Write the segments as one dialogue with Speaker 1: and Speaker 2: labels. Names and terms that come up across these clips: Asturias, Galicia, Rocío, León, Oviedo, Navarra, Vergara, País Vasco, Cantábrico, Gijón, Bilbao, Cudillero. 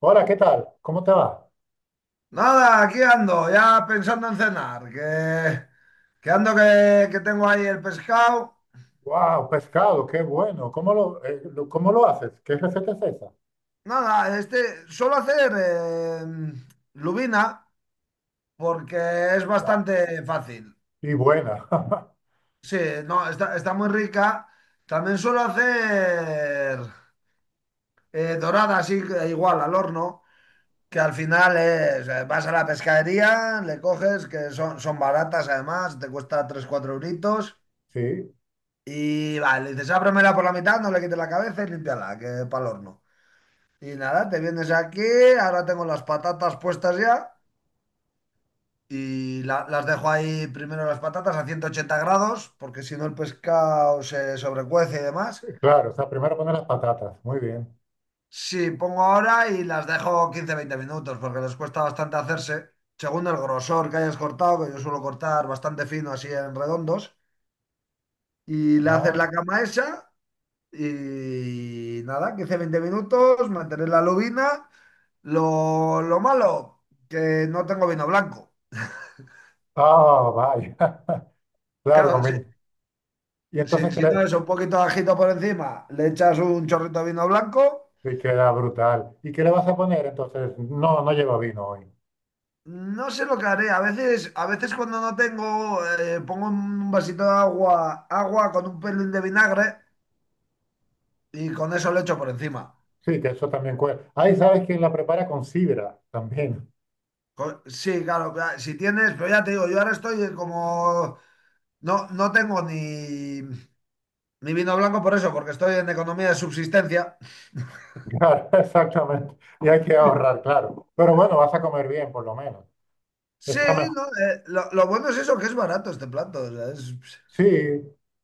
Speaker 1: Hola, ¿qué tal? ¿Cómo te va?
Speaker 2: Nada, aquí ando, ya pensando en cenar, que tengo ahí el pescado.
Speaker 1: ¡Wow! Pescado, qué bueno. ¿¿Cómo lo haces? ¿Qué receta es esa?
Speaker 2: Nada, este suelo hacer lubina porque es
Speaker 1: Guau,
Speaker 2: bastante fácil.
Speaker 1: y buena.
Speaker 2: Sí, no, está muy rica. También suelo hacer dorada, así que igual al horno, que al final es, vas a la pescadería, le coges, que son, son baratas además, te cuesta 3 4 euritos.
Speaker 1: Sí,
Speaker 2: Y vale, dices, ábremela por la mitad, no le quites la cabeza y límpiala, que para el horno. Y nada, te vienes aquí, ahora tengo las patatas puestas ya y las dejo ahí primero las patatas a 180 grados, porque si no el pescado se sobrecuece y demás.
Speaker 1: claro. O sea, primero poner las patatas. Muy bien.
Speaker 2: Sí, pongo ahora y las dejo 15 20 minutos, porque les cuesta bastante hacerse, según el grosor que hayas cortado, que yo suelo cortar bastante fino así en redondos, y le haces la
Speaker 1: Ah,
Speaker 2: cama esa. Y nada, 15 veinte minutos, mantener la lubina. Lo malo, que no tengo vino blanco.
Speaker 1: ah, vaya. Claro,
Speaker 2: Claro, si,
Speaker 1: conviene. Y
Speaker 2: si-
Speaker 1: entonces, ¿qué
Speaker 2: si
Speaker 1: le?
Speaker 2: no, es un poquito de ajito por encima, le echas un chorrito de vino blanco.
Speaker 1: Y queda brutal. ¿Y qué le vas a poner? Entonces, no, no lleva vino hoy.
Speaker 2: No sé lo que haré. A veces cuando no tengo, pongo un vasito de agua con un pelín de vinagre y con eso le echo por encima.
Speaker 1: Sí, que eso también cuesta. Ahí sabes que la prepara con sidra también.
Speaker 2: Sí, claro, claro, si tienes, pero ya te digo, yo ahora estoy como, no, no tengo ni... Ni vino blanco por eso, porque estoy en economía de subsistencia.
Speaker 1: Claro, exactamente. Y hay que ahorrar, claro. Pero bueno, vas a comer bien, por lo menos.
Speaker 2: Sí,
Speaker 1: Está
Speaker 2: no, lo bueno es eso, que es barato este plato. O sea,
Speaker 1: sí,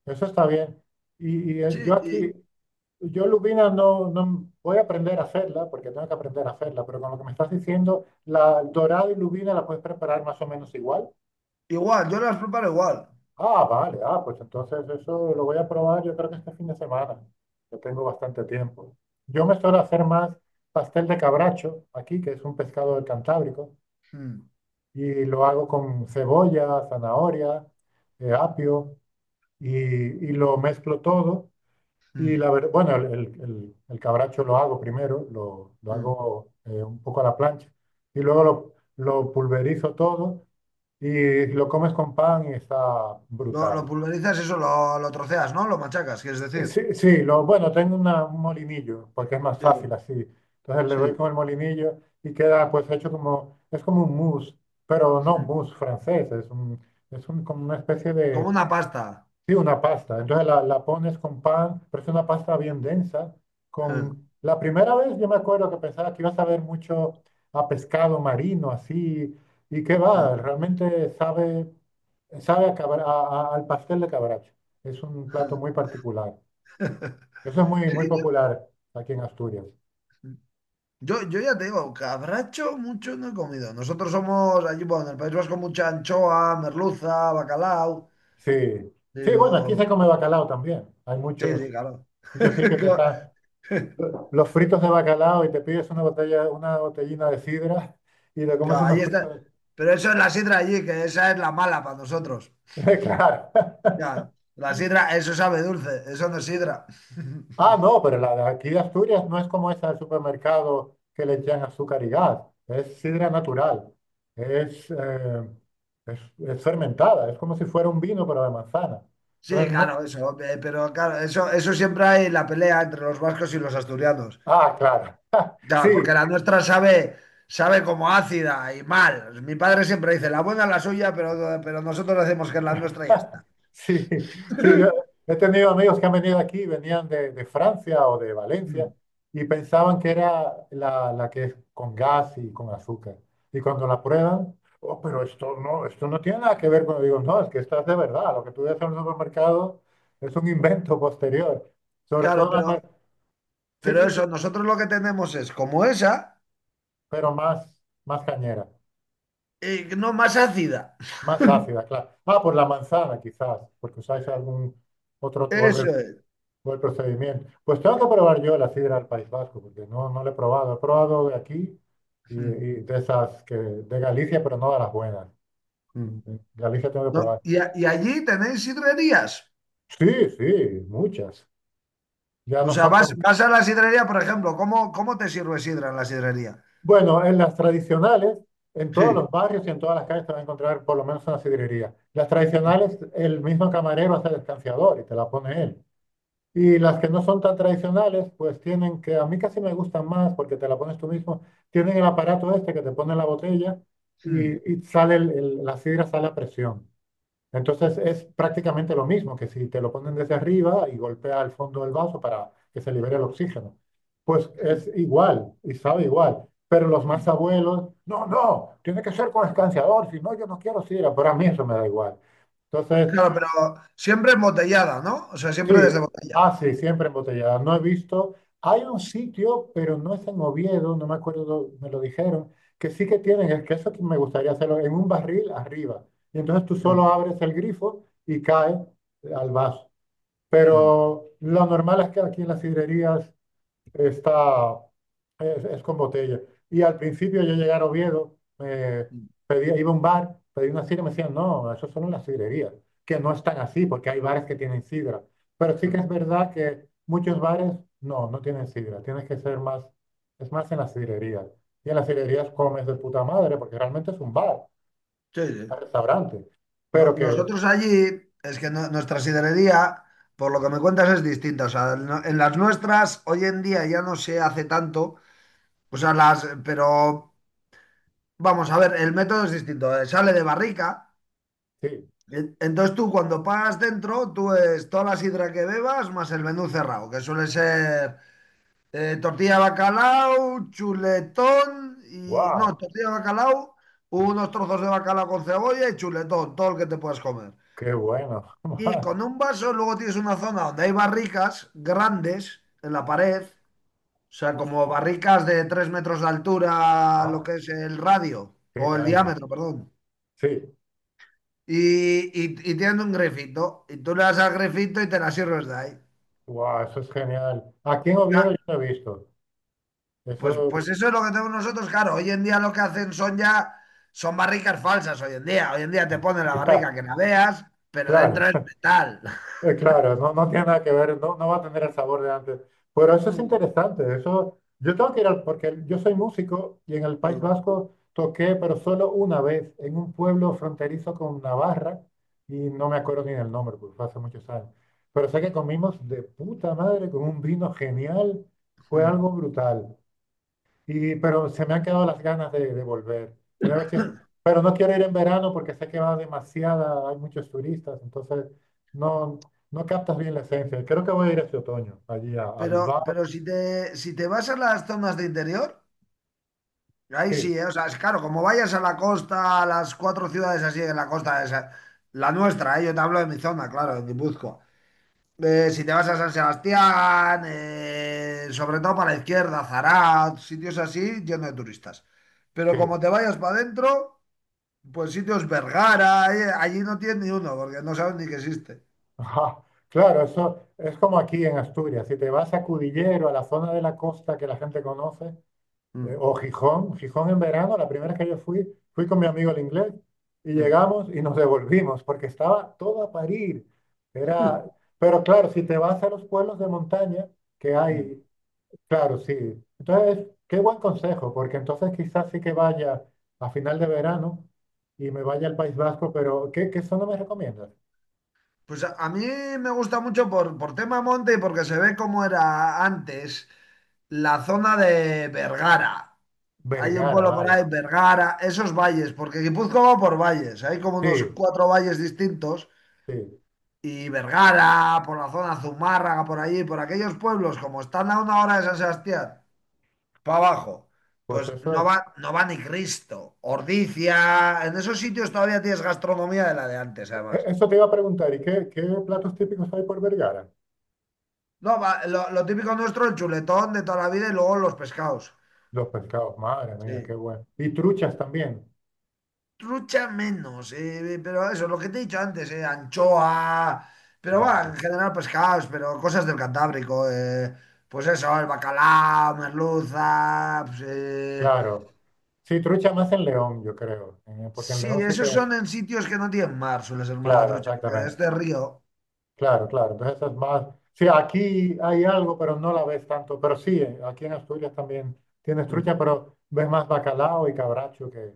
Speaker 1: eso está bien.
Speaker 2: sí,
Speaker 1: Yo aquí, yo lubina no voy a aprender a hacerla, porque tengo que aprender a hacerla, pero con lo que me estás diciendo, la dorada y lubina la puedes preparar más o menos igual.
Speaker 2: igual, yo las preparo igual.
Speaker 1: Ah, vale, ah, pues entonces eso lo voy a probar yo creo que este fin de semana. Yo tengo bastante tiempo. Yo me suelo hacer más pastel de cabracho aquí, que es un pescado del Cantábrico,
Speaker 2: Mm,
Speaker 1: y lo hago con cebolla, zanahoria, apio, y lo mezclo todo. Y
Speaker 2: mm,
Speaker 1: la verdad, bueno, el cabracho lo hago primero, lo
Speaker 2: mm.
Speaker 1: hago un poco a la plancha y luego lo pulverizo todo y lo comes con pan y está
Speaker 2: Lo
Speaker 1: brutal.
Speaker 2: pulverizas, eso lo troceas, ¿no? Lo machacas, quieres decir.
Speaker 1: Sí, sí, lo, bueno, tengo un molinillo porque es más
Speaker 2: Sí,
Speaker 1: fácil así. Entonces le
Speaker 2: sí.
Speaker 1: doy con el molinillo y queda pues hecho como, es como un mousse, pero no un
Speaker 2: Mm.
Speaker 1: mousse francés, es un, como una especie
Speaker 2: Como
Speaker 1: de,
Speaker 2: una pasta.
Speaker 1: sí, una pasta. Entonces la pones con pan, pero es una pasta bien densa. Con la primera vez yo me acuerdo que pensaba que ibas a ver mucho a pescado marino así y qué va, realmente sabe sabe a al pastel de cabracho. Es un plato muy particular. Eso es muy
Speaker 2: Sí,
Speaker 1: muy popular aquí en Asturias.
Speaker 2: yo, yo ya te digo, cabracho mucho no he comido. Nosotros somos allí, bueno, en el País Vasco mucha anchoa, merluza, bacalao,
Speaker 1: Sí. Sí, bueno, aquí
Speaker 2: pero...
Speaker 1: se come bacalao también. Hay
Speaker 2: Sí, sí,
Speaker 1: muchos
Speaker 2: claro.
Speaker 1: muchos sitios que
Speaker 2: Co-
Speaker 1: están los fritos de bacalao y te pides una botellina de sidra y te comes
Speaker 2: Claro, ahí
Speaker 1: unos fritos.
Speaker 2: está. Pero eso es la sidra allí, que esa es la mala para nosotros.
Speaker 1: Claro.
Speaker 2: Ya, la sidra, eso sabe dulce, eso no es sidra.
Speaker 1: Ah, no, pero la de aquí de Asturias no es como esa del supermercado que le echan azúcar y gas. Es sidra natural. Es, eh, es, es fermentada. Es como si fuera un vino, pero de manzana.
Speaker 2: Sí,
Speaker 1: Entonces,
Speaker 2: claro,
Speaker 1: no.
Speaker 2: eso. Pero claro, eso siempre hay la pelea entre los vascos y los asturianos.
Speaker 1: Ah, claro.
Speaker 2: Ya,
Speaker 1: Sí,
Speaker 2: porque la nuestra sabe, como ácida y mal. Mi padre siempre dice, la buena es la suya, pero nosotros decimos que es la nuestra y ya está.
Speaker 1: sí, sí, yo he tenido amigos que han venido aquí, venían de Francia o de Valencia
Speaker 2: Mm.
Speaker 1: y pensaban que era la que es con gas y con azúcar. Y cuando la prueban, oh, pero esto no tiene nada que ver con, digo, no, es que esta es de verdad, lo que tú ves en el supermercado es un invento posterior. Sobre
Speaker 2: Claro,
Speaker 1: todo, me
Speaker 2: pero,
Speaker 1: acuerdo- sí,
Speaker 2: pero
Speaker 1: sí, sí,
Speaker 2: eso, nosotros lo que tenemos es como esa,
Speaker 1: pero más, más cañera,
Speaker 2: y no más ácida.
Speaker 1: más ácida, claro. Ah, por la manzana quizás, porque usáis algún otro, o el
Speaker 2: Eso es.
Speaker 1: fue el procedimiento. Pues tengo que probar yo la sidra del País Vasco, porque no, no la he probado. He probado de aquí
Speaker 2: Mm.
Speaker 1: y de esas que, de Galicia, pero no de las buenas.
Speaker 2: Mm.
Speaker 1: En Galicia tengo que
Speaker 2: No,
Speaker 1: probar.
Speaker 2: y allí tenéis sidrerías.
Speaker 1: Sí, sí, muchas. Ya
Speaker 2: O
Speaker 1: no
Speaker 2: sea,
Speaker 1: son
Speaker 2: vas,
Speaker 1: como...
Speaker 2: vas a la sidrería, por ejemplo, ¿cómo te sirve sidra en la sidrería?
Speaker 1: Bueno, en las tradicionales, en todos
Speaker 2: Sí.
Speaker 1: los barrios y en todas las calles te vas a encontrar por lo menos una sidrería. Las tradicionales, el mismo camarero hace el escanciador y te la pone él. Y las que no son tan tradicionales, pues tienen que, a mí casi me gustan más porque te la pones tú mismo, tienen el aparato este que te pone en la botella
Speaker 2: Mm,
Speaker 1: y sale la sidra, sale a presión. Entonces es prácticamente lo mismo que si te lo ponen desde arriba y golpea el fondo del vaso para que se libere el oxígeno. Pues
Speaker 2: mm,
Speaker 1: es igual y sabe igual. Pero los más
Speaker 2: mm.
Speaker 1: abuelos, no, no, tiene que ser con escanciador, si no, yo no quiero sidra, pero a mí eso me da igual. Entonces,
Speaker 2: Claro, pero siempre embotellada, ¿no? O sea, siempre
Speaker 1: sí,
Speaker 2: desde botella.
Speaker 1: ah, sí, siempre embotellada. No he visto. Hay un sitio, pero no es en Oviedo, no me acuerdo, me lo dijeron, que sí que tienen, es que eso que me gustaría hacerlo, en un barril arriba. Y entonces tú solo
Speaker 2: Mm,
Speaker 1: abres el grifo y cae al vaso.
Speaker 2: mm,
Speaker 1: Pero lo normal es que aquí en las sidrerías está, es con botella. Y al principio yo llegué a Oviedo, me
Speaker 2: mm,
Speaker 1: pedía, iba a un bar, pedí una sidra y me decían, no, eso solo en las sidrerías, que no están así, porque hay bares que tienen sidra. Pero sí que
Speaker 2: mm.
Speaker 1: es verdad que muchos bares no, no tienen sidra, tienes que ser más, es más en las sidrerías. Y en las sidrerías comes de puta madre, porque realmente es un bar,
Speaker 2: Sí,
Speaker 1: un
Speaker 2: sí.
Speaker 1: restaurante. Pero que,
Speaker 2: Nosotros allí, es que nuestra sidrería, por lo que me cuentas, es distinta. O sea, en las nuestras, hoy en día ya no se hace tanto. O sea, pero vamos a ver, el método es distinto. Sale de barrica.
Speaker 1: sí,
Speaker 2: Entonces tú cuando pagas dentro, tú es toda la sidra que bebas más el menú cerrado, que suele ser tortilla de bacalao, chuletón y... No,
Speaker 1: wow,
Speaker 2: tortilla de bacalao, unos trozos de bacalao con cebolla y chuletón, todo el que te puedas comer.
Speaker 1: qué bueno,
Speaker 2: Y
Speaker 1: man,
Speaker 2: con un vaso luego tienes una zona donde hay barricas grandes en la pared, o sea, como
Speaker 1: hostia,
Speaker 2: barricas de 3 metros de altura, lo
Speaker 1: ah,
Speaker 2: que es el radio,
Speaker 1: qué
Speaker 2: o el
Speaker 1: caña.
Speaker 2: diámetro, perdón.
Speaker 1: Sí,
Speaker 2: y, y, y tienen un grefito, y tú le das al grefito y te la sirves de ahí.
Speaker 1: wow, eso es genial. Aquí en
Speaker 2: Ya,
Speaker 1: Oviedo yo no he visto.
Speaker 2: pues,
Speaker 1: Eso,
Speaker 2: pues eso es lo que tenemos nosotros, claro. Hoy en día lo que hacen son ya, son barricas falsas hoy en día. Hoy en día te ponen la barrica
Speaker 1: ya,
Speaker 2: que la veas, pero dentro
Speaker 1: claro,
Speaker 2: es metal.
Speaker 1: claro, no, no tiene nada que ver, no, no va a tener el sabor de antes. Pero eso es interesante, eso, yo tengo que ir al, porque yo soy músico y en el País Vasco toqué, pero solo una vez, en un pueblo fronterizo con Navarra, y no me acuerdo ni del nombre, porque fue hace muchos años. Pero sé que comimos de puta madre con un vino genial, fue algo brutal. Y, pero se me han quedado las ganas de volver. Voy a ver si... Pero no quiero ir en verano porque sé que va demasiada, hay muchos turistas, entonces no, no captas bien la esencia. Creo que voy a ir este otoño, allí a
Speaker 2: Pero,
Speaker 1: Bilbao.
Speaker 2: pero si te vas a las zonas de interior, ahí
Speaker 1: Sí,
Speaker 2: sí, ¿eh? O sea, es claro, como vayas a la costa, a las cuatro ciudades así de la costa, esa, la nuestra, ¿eh? Yo te hablo de mi zona, claro, de Guipúzcoa. Si te vas a San Sebastián, sobre todo para la izquierda, Zarat, sitios así, llenos de turistas. Pero
Speaker 1: sí.
Speaker 2: como te vayas para adentro, pues sitios Vergara, allí no tienes ni uno, porque no saben ni que existe.
Speaker 1: Ajá. Claro, eso es como aquí en Asturias. Si te vas a Cudillero, a la zona de la costa que la gente conoce,
Speaker 2: Mm,
Speaker 1: o Gijón, Gijón en verano, la primera vez que yo fui, fui con mi amigo el inglés y
Speaker 2: mm,
Speaker 1: llegamos y nos devolvimos porque estaba todo a parir. Era, pero claro, si te vas a los pueblos de montaña que
Speaker 2: mm.
Speaker 1: hay, claro, sí. Entonces, qué buen consejo, porque entonces quizás sí que vaya a final de verano y me vaya al País Vasco, pero ¿qué zona me recomiendas?
Speaker 2: Pues a mí me gusta mucho por, tema monte y porque se ve cómo era antes la zona de Vergara. Hay un
Speaker 1: Vergara,
Speaker 2: pueblo por
Speaker 1: vale.
Speaker 2: ahí, Vergara, esos valles, porque Guipúzcoa va por valles, hay como unos
Speaker 1: Sí,
Speaker 2: cuatro valles distintos.
Speaker 1: sí.
Speaker 2: Y Vergara, por la zona Zumárraga, por allí, por aquellos pueblos, como están a una hora de San Sebastián, para abajo,
Speaker 1: Pues
Speaker 2: pues no
Speaker 1: eso,
Speaker 2: va, no va ni Cristo. Ordizia en esos sitios todavía tienes gastronomía de la de antes, además.
Speaker 1: eso te iba a preguntar, ¿y qué platos típicos hay por Vergara?
Speaker 2: No, lo típico nuestro, el chuletón de toda la vida y luego los pescados.
Speaker 1: Los pescados, madre mía, qué
Speaker 2: Sí.
Speaker 1: bueno. Y truchas también.
Speaker 2: Trucha menos, pero eso, lo que te he dicho antes, anchoa, pero va,
Speaker 1: Vale,
Speaker 2: en general pescados, pero cosas del Cantábrico, pues eso, el bacalao, merluza, pues,
Speaker 1: claro. Sí, trucha más en León, yo creo. Porque en
Speaker 2: Sí,
Speaker 1: León sí
Speaker 2: esos
Speaker 1: que.
Speaker 2: son en sitios que no tienen mar, suele ser más la
Speaker 1: Claro,
Speaker 2: trucha, porque de
Speaker 1: exactamente.
Speaker 2: este río.
Speaker 1: Claro, claro. Entonces es más. Sí, aquí hay algo, pero no la ves tanto. Pero sí, aquí en Asturias también tienes
Speaker 2: Mm.
Speaker 1: trucha, pero ves más bacalao y cabracho que,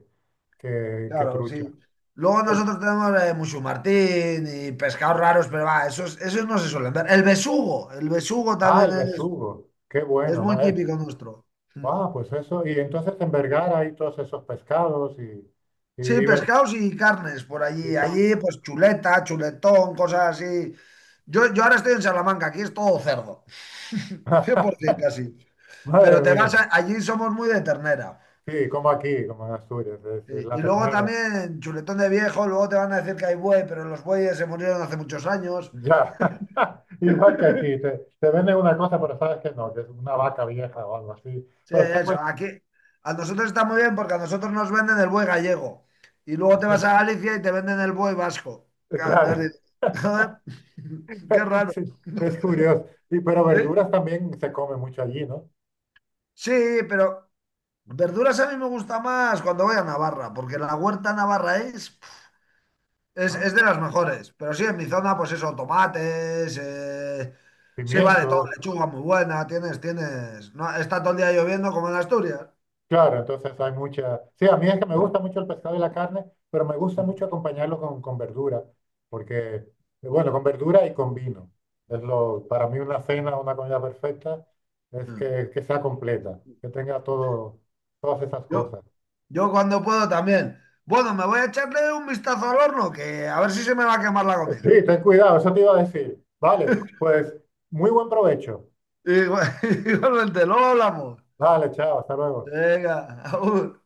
Speaker 1: que, que
Speaker 2: Claro, sí.
Speaker 1: trucha.
Speaker 2: Luego
Speaker 1: Que-
Speaker 2: nosotros tenemos musumartín y pescados raros, pero va, esos no se suelen ver. El besugo
Speaker 1: ah,
Speaker 2: también
Speaker 1: el
Speaker 2: es,
Speaker 1: besugo. Qué
Speaker 2: es
Speaker 1: bueno,
Speaker 2: muy
Speaker 1: maestro.
Speaker 2: típico nuestro. Mm.
Speaker 1: Ah, pues eso. Y entonces en Vergara hay todos esos pescados
Speaker 2: Sí,
Speaker 1: y, ver-
Speaker 2: pescados y carnes por
Speaker 1: y
Speaker 2: allí.
Speaker 1: carne.
Speaker 2: Allí, pues chuleta, chuletón, cosas así. Yo ahora estoy en Salamanca, aquí es todo cerdo, cien por ciento casi.
Speaker 1: Madre
Speaker 2: Pero te
Speaker 1: mía,
Speaker 2: vas allí somos muy de ternera.
Speaker 1: sí, como aquí, como en Asturias, es
Speaker 2: Sí,
Speaker 1: la
Speaker 2: y luego
Speaker 1: ternera.
Speaker 2: también, chuletón de viejo, luego te van a decir que hay buey, pero los bueyes se murieron hace muchos años.
Speaker 1: Ya, igual que aquí, te venden una cosa, pero sabes que no, que es una vaca vieja o algo así.
Speaker 2: Sí,
Speaker 1: Pero está
Speaker 2: eso,
Speaker 1: bueno,
Speaker 2: aquí a nosotros está muy bien porque a nosotros nos venden el buey gallego. Y luego te vas a Galicia y te venden el buey vasco. Claro, entonces
Speaker 1: claro,
Speaker 2: dices, joder, qué raro.
Speaker 1: sí, es curioso. Y, pero
Speaker 2: Sí,
Speaker 1: verduras también se come mucho allí, ¿no?
Speaker 2: sí, pero verduras a mí me gusta más cuando voy a Navarra, porque la huerta navarra es... Es de
Speaker 1: Ah,
Speaker 2: las mejores, pero sí, en mi zona, pues eso, tomates, sí, vale, todo,
Speaker 1: pimientos.
Speaker 2: lechuga muy buena, tienes, no, está todo el día lloviendo como en Asturias.
Speaker 1: Claro, entonces hay mucha... Sí, a mí es que me gusta mucho el pescado y la carne, pero me gusta mucho acompañarlo con verdura, porque, bueno, con verdura y con vino. Es lo, para mí una cena, una comida perfecta, es
Speaker 2: Mm.
Speaker 1: que sea completa, que tenga todo, todas esas
Speaker 2: Yo,
Speaker 1: cosas.
Speaker 2: yo cuando puedo también. Bueno, me voy a echarle un vistazo al horno, que a ver si se me va a quemar la comida.
Speaker 1: Sí, ten cuidado, eso te iba a decir. Vale, pues muy buen provecho.
Speaker 2: Igual- Igualmente, luego hablamos.
Speaker 1: Vale, chao, hasta luego.
Speaker 2: Venga, agur.